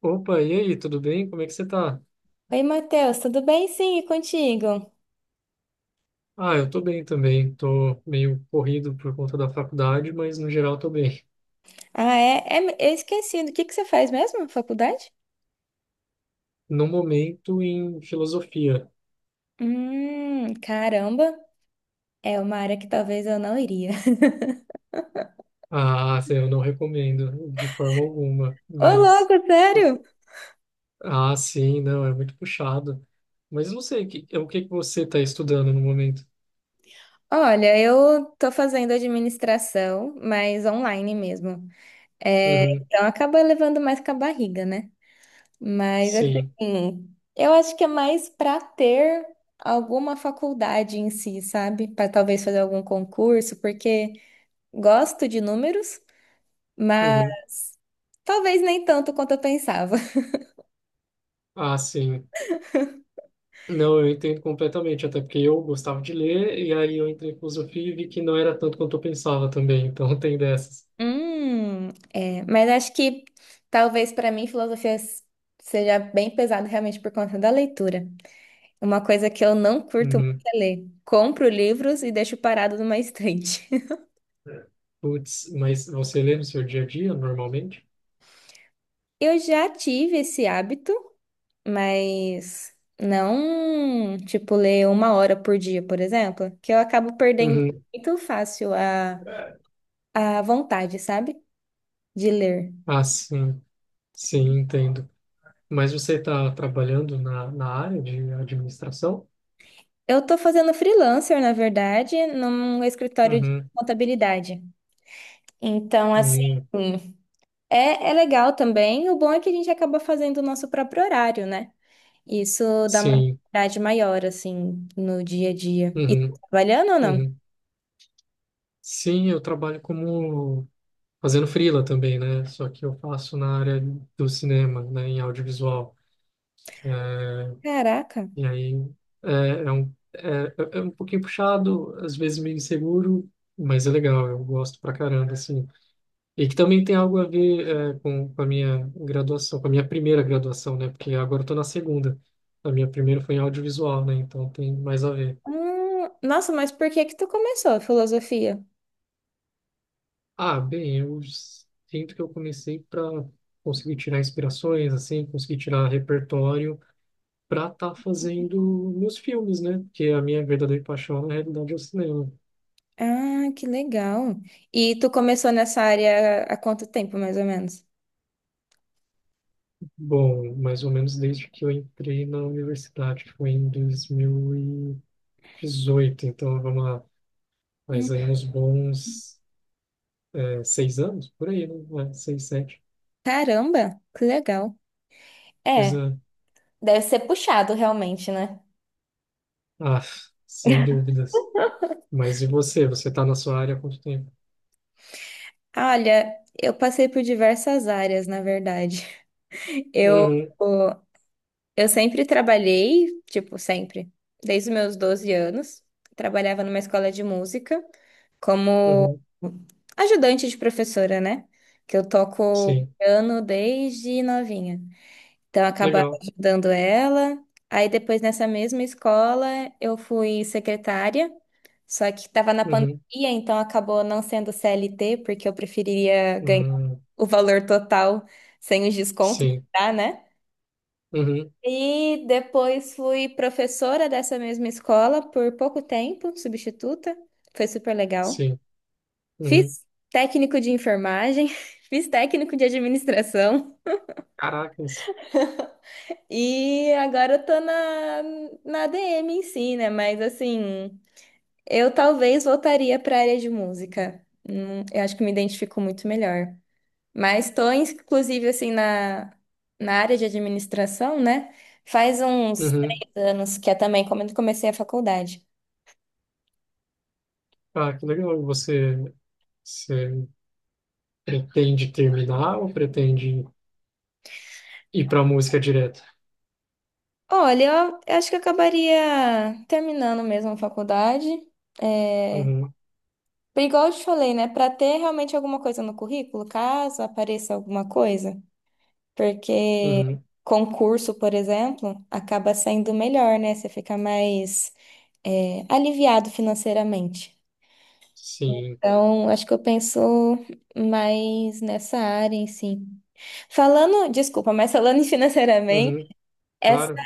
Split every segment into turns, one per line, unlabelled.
Opa, e aí, tudo bem? Como é que você tá?
Oi, Matheus, tudo bem? Sim, e contigo?
Ah, eu tô bem também. Tô meio corrido por conta da faculdade, mas no geral tô bem.
Ah, eu esqueci. O que que você faz mesmo na faculdade?
No momento, em filosofia.
Caramba, é uma área que talvez eu não iria.
Ah, sim, eu não recomendo de forma alguma,
Ô,
mas...
louco, sério?
Ah, sim, não, é muito puxado. Mas eu não sei, é o que que você tá estudando no momento?
Olha, eu tô fazendo administração, mas online mesmo. É,
Uhum,
então acaba levando mais com a barriga, né? Mas
sim.
assim, eu acho que é mais pra ter alguma faculdade em si, sabe? Pra talvez fazer algum concurso, porque gosto de números. Mas
Uhum.
talvez nem tanto quanto eu pensava.
Ah, sim. Não, eu entendo completamente, até porque eu gostava de ler, e aí eu entrei em filosofia e vi que não era tanto quanto eu pensava também, então tem dessas.
É, mas acho que talvez para mim filosofia seja bem pesado realmente por conta da leitura. Uma coisa que eu não curto muito
Uhum.
é ler. Compro livros e deixo parado numa estante.
Putz, mas você lê no seu dia a dia normalmente?
Eu já tive esse hábito, mas não, tipo, ler uma hora por dia, por exemplo, que eu acabo perdendo
Uhum.
muito fácil a vontade, sabe? De ler.
Ah, sim, sim, entendo. Mas você está trabalhando na área de administração?
Eu tô fazendo freelancer, na verdade, num escritório de
Uhum.
contabilidade. Então, assim,
Uhum.
é legal também. O bom é que a gente acaba fazendo o nosso próprio horário, né? Isso dá uma
Sim.
liberdade maior, assim, no dia a dia. E tu
Uhum.
tá trabalhando ou não?
Uhum. Sim, eu trabalho como fazendo freela também, né? Só que eu faço na área do cinema, né? Em audiovisual. É.
Caraca.
E aí é, é um, é, é um pouquinho puxado, às vezes meio inseguro, mas é legal, eu gosto pra caramba, assim. E que também tem algo a ver com a minha graduação, com a minha primeira graduação, né? Porque agora eu tô na segunda. A minha primeira foi em audiovisual, né? Então tem mais a ver.
Nossa, mas por que que tu começou a filosofia?
Ah, bem, eu sinto que eu comecei para conseguir tirar inspirações, assim, conseguir tirar repertório para estar fazendo meus filmes, né? Porque a minha verdadeira paixão, na realidade, é o cinema.
Ah, que legal. E tu começou nessa área há quanto tempo, mais ou menos?
Bom, mais ou menos desde que eu entrei na universidade, que foi em 2018, então vamos lá,
Hum,
faz aí uns bons. 6 anos, por aí, né? É, seis, sete.
Caramba, que legal. É,
Coisa.
deve ser puxado realmente, né?
Ah, sem dúvidas. Mas e você? Você está na sua área há quanto tempo?
Olha, eu passei por diversas áreas, na verdade. Eu,
Uhum,
eu sempre trabalhei, tipo, sempre, desde os meus 12 anos. Trabalhava numa escola de música como
uhum,
ajudante de professora, né? Que eu toco
sim.
piano desde novinha. Então, acabaram
Legal.
ajudando ela. Aí, depois, nessa mesma escola, eu fui secretária, só que estava na pandemia,
Uhum,
então acabou não sendo CLT, porque eu preferiria ganhar
uhum,
o valor total sem os descontos, que
sim.
dá, né?
Uhum,
E depois fui professora dessa mesma escola por pouco tempo, substituta. Foi super legal.
sim. Uhum.
Fiz técnico de enfermagem, fiz técnico de administração.
Caracas.
E agora eu tô na DM em si, né? Mas assim, eu talvez voltaria pra área de música. Eu acho que me identifico muito melhor. Mas tô, inclusive, assim, na área de administração, né? Faz uns
Uhum.
3 anos que é também quando comecei a faculdade.
Ah, que legal. Você pretende terminar ou pretende ir para a música direto?
Olha, eu acho que eu acabaria terminando mesmo a faculdade. É,
Uhum,
igual eu te falei, né? Pra ter realmente alguma coisa no currículo, caso apareça alguma coisa. Porque
uhum,
concurso, por exemplo, acaba saindo melhor, né? Você fica mais aliviado financeiramente.
sim.
Então, acho que eu penso mais nessa área em si. Falando, desculpa, mas falando em financeiramente,
Uhum,
essa
claro.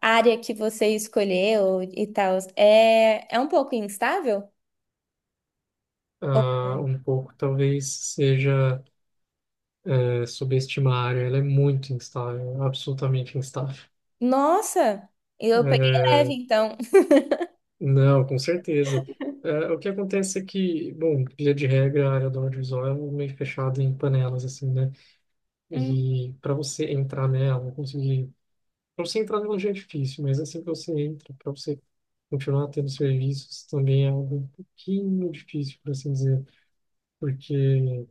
área que você escolheu e tal, é um pouco instável?
Ah, um pouco talvez seja. Subestimar a área, ela é muito instável, absolutamente instável.
Nossa, eu peguei leve,
É,
então.
não, com certeza. É, o que acontece é que, bom, via de regra, a área do audiovisual é meio fechada em panelas, assim, né?
Hum,
E para você entrar nela, conseguir. Para você entrar nela já é difícil, mas assim que você entra, para você continuar tendo serviços, também é algo um pouquinho difícil, por assim dizer, porque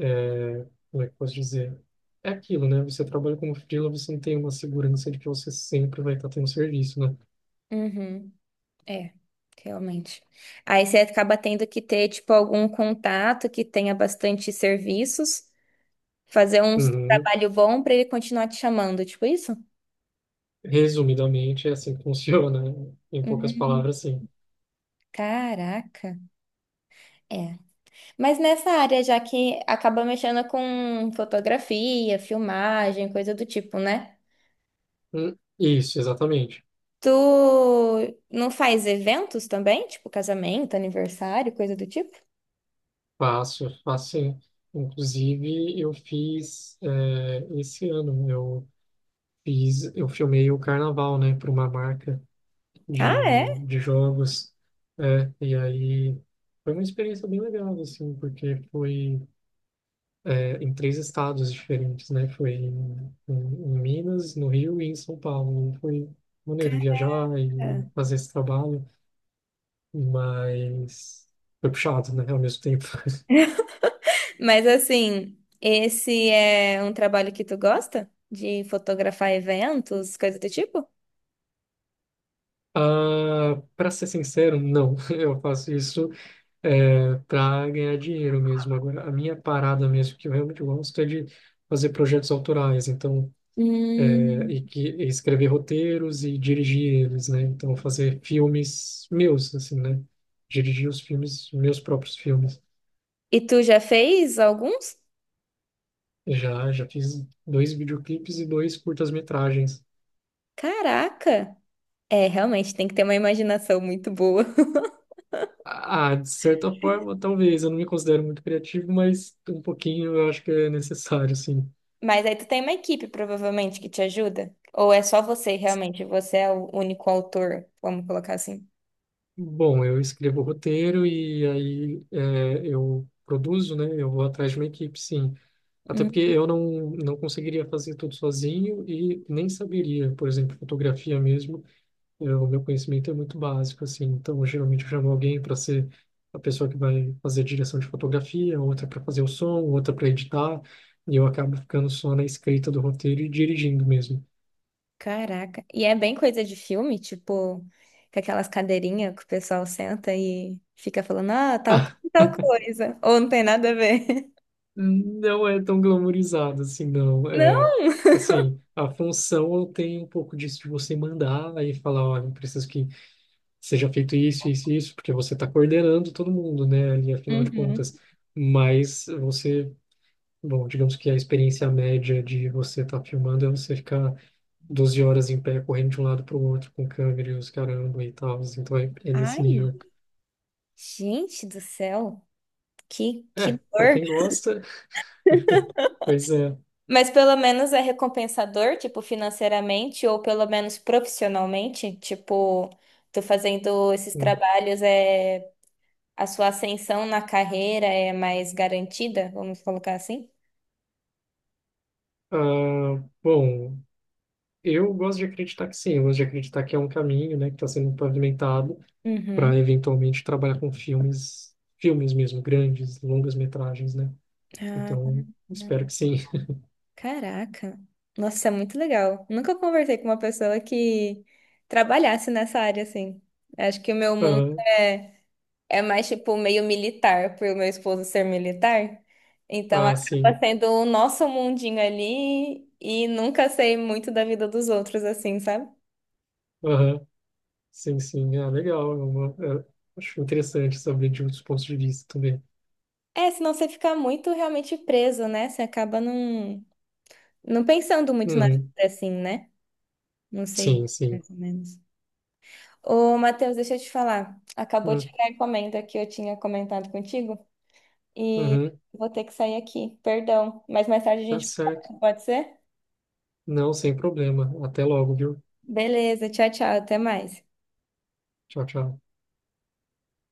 é, como é que eu posso dizer? É aquilo, né? Você trabalha como freela, você não tem uma segurança de que você sempre vai estar tendo serviço, né?
uhum. É, realmente. Aí você acaba tendo que ter, tipo, algum contato que tenha bastante serviços, fazer um
Uhum.
trabalho bom para ele continuar te chamando, tipo isso?
Resumidamente, é assim que funciona, né? Em poucas
Hum,
palavras, sim.
caraca. É. Mas nessa área, já que acaba mexendo com fotografia, filmagem, coisa do tipo, né?
Isso, exatamente.
Tu não faz eventos também? Tipo casamento, aniversário, coisa do tipo?
Faço, faço sim. Inclusive, esse ano, eu filmei o carnaval, né? Para uma marca
Ah,
de,
é?
de jogos, e aí foi uma experiência bem legal, assim, porque foi em três estados diferentes, né? Foi em Minas, no Rio e em São Paulo. Foi maneiro viajar e
Cara.
fazer esse trabalho, mas foi puxado, né? Ao mesmo tempo.
Mas assim, esse é um trabalho que tu gosta? De fotografar eventos, coisa do tipo?
Ah, para ser sincero, não. Eu faço isso para ganhar dinheiro mesmo. Agora, a minha parada mesmo que eu realmente gosto é de fazer projetos autorais. Então é, e
Hum.
que e escrever roteiros e dirigir eles, né? Então fazer filmes meus, assim, né? Dirigir os filmes, meus próprios filmes.
E tu já fez alguns?
Já fiz dois videoclipes e dois curtas-metragens.
Caraca! É, realmente, tem que ter uma imaginação muito boa.
Ah, de certa forma, talvez. Eu não me considero muito criativo, mas um pouquinho eu acho que é necessário, assim.
Mas aí tu tem uma equipe, provavelmente, que te ajuda? Ou é só você, realmente? Você é o único autor, vamos colocar assim.
Bom, eu escrevo o roteiro e aí eu produzo, né? Eu vou atrás de uma equipe, sim. Até porque eu não conseguiria fazer tudo sozinho e nem saberia, por exemplo, fotografia mesmo. O meu conhecimento é muito básico, assim. Então, geralmente eu chamo alguém para ser a pessoa que vai fazer a direção de fotografia, outra para fazer o som, outra para editar. E eu acabo ficando só na escrita do roteiro e dirigindo mesmo.
Caraca. E é bem coisa de filme, tipo, com aquelas cadeirinhas que o pessoal senta e fica falando, ah, tal,
Ah,
tal coisa. Ou não tem nada a ver.
não é tão glamourizado assim, não. É,
Não?
assim, a função tem um pouco disso de você mandar e falar: olha, eu preciso que seja feito isso, isso, e isso, porque você está coordenando todo mundo, né, ali, afinal de contas.
Uhum.
Mas você, bom, digamos que a experiência média de você estar filmando é você ficar 12 horas em pé, correndo de um lado para o outro, com câmera e os caramba e tal. Então é nesse
Ai,
nível.
gente do céu. Que
É, para
dor.
quem gosta, pois é.
Mas pelo menos é recompensador, tipo, financeiramente ou pelo menos profissionalmente. Tipo, tu fazendo esses
Hum.
trabalhos, a sua ascensão na carreira é mais garantida, vamos colocar assim?
Ah, bom, eu gosto de acreditar que sim, eu gosto de acreditar que é um caminho, né, que está sendo pavimentado. Para
Uhum.
eventualmente trabalhar com filmes, filmes mesmo, grandes, longas metragens, né?
Ah.
Então, espero que sim.
Caraca, nossa, isso é muito legal. Nunca conversei com uma pessoa que trabalhasse nessa área assim. Acho que o meu mundo
Aham.
é, é mais tipo meio militar, por meu esposo ser militar. Então
Ah,
acaba
sim.
sendo o nosso mundinho ali e nunca sei muito da vida dos outros assim, sabe?
Aham. Sim, sim. Ah, legal. É- Acho interessante saber de outros pontos de vista também.
É, senão você fica muito realmente preso, né? Você acaba não pensando muito na vida
Uhum.
assim, né? Não sei,
Sim, sim.
mais ou menos. Ô, Matheus, deixa eu te falar. Acabou de
Hum,
chegar a encomenda que eu tinha comentado contigo e
Uhum.
vou ter que sair aqui. Perdão, mas mais tarde a
Tá
gente
certo.
conversa, pode ser?
Não, sem problema. Até logo, viu?
Beleza, tchau, tchau, até mais.
Tchau, tchau.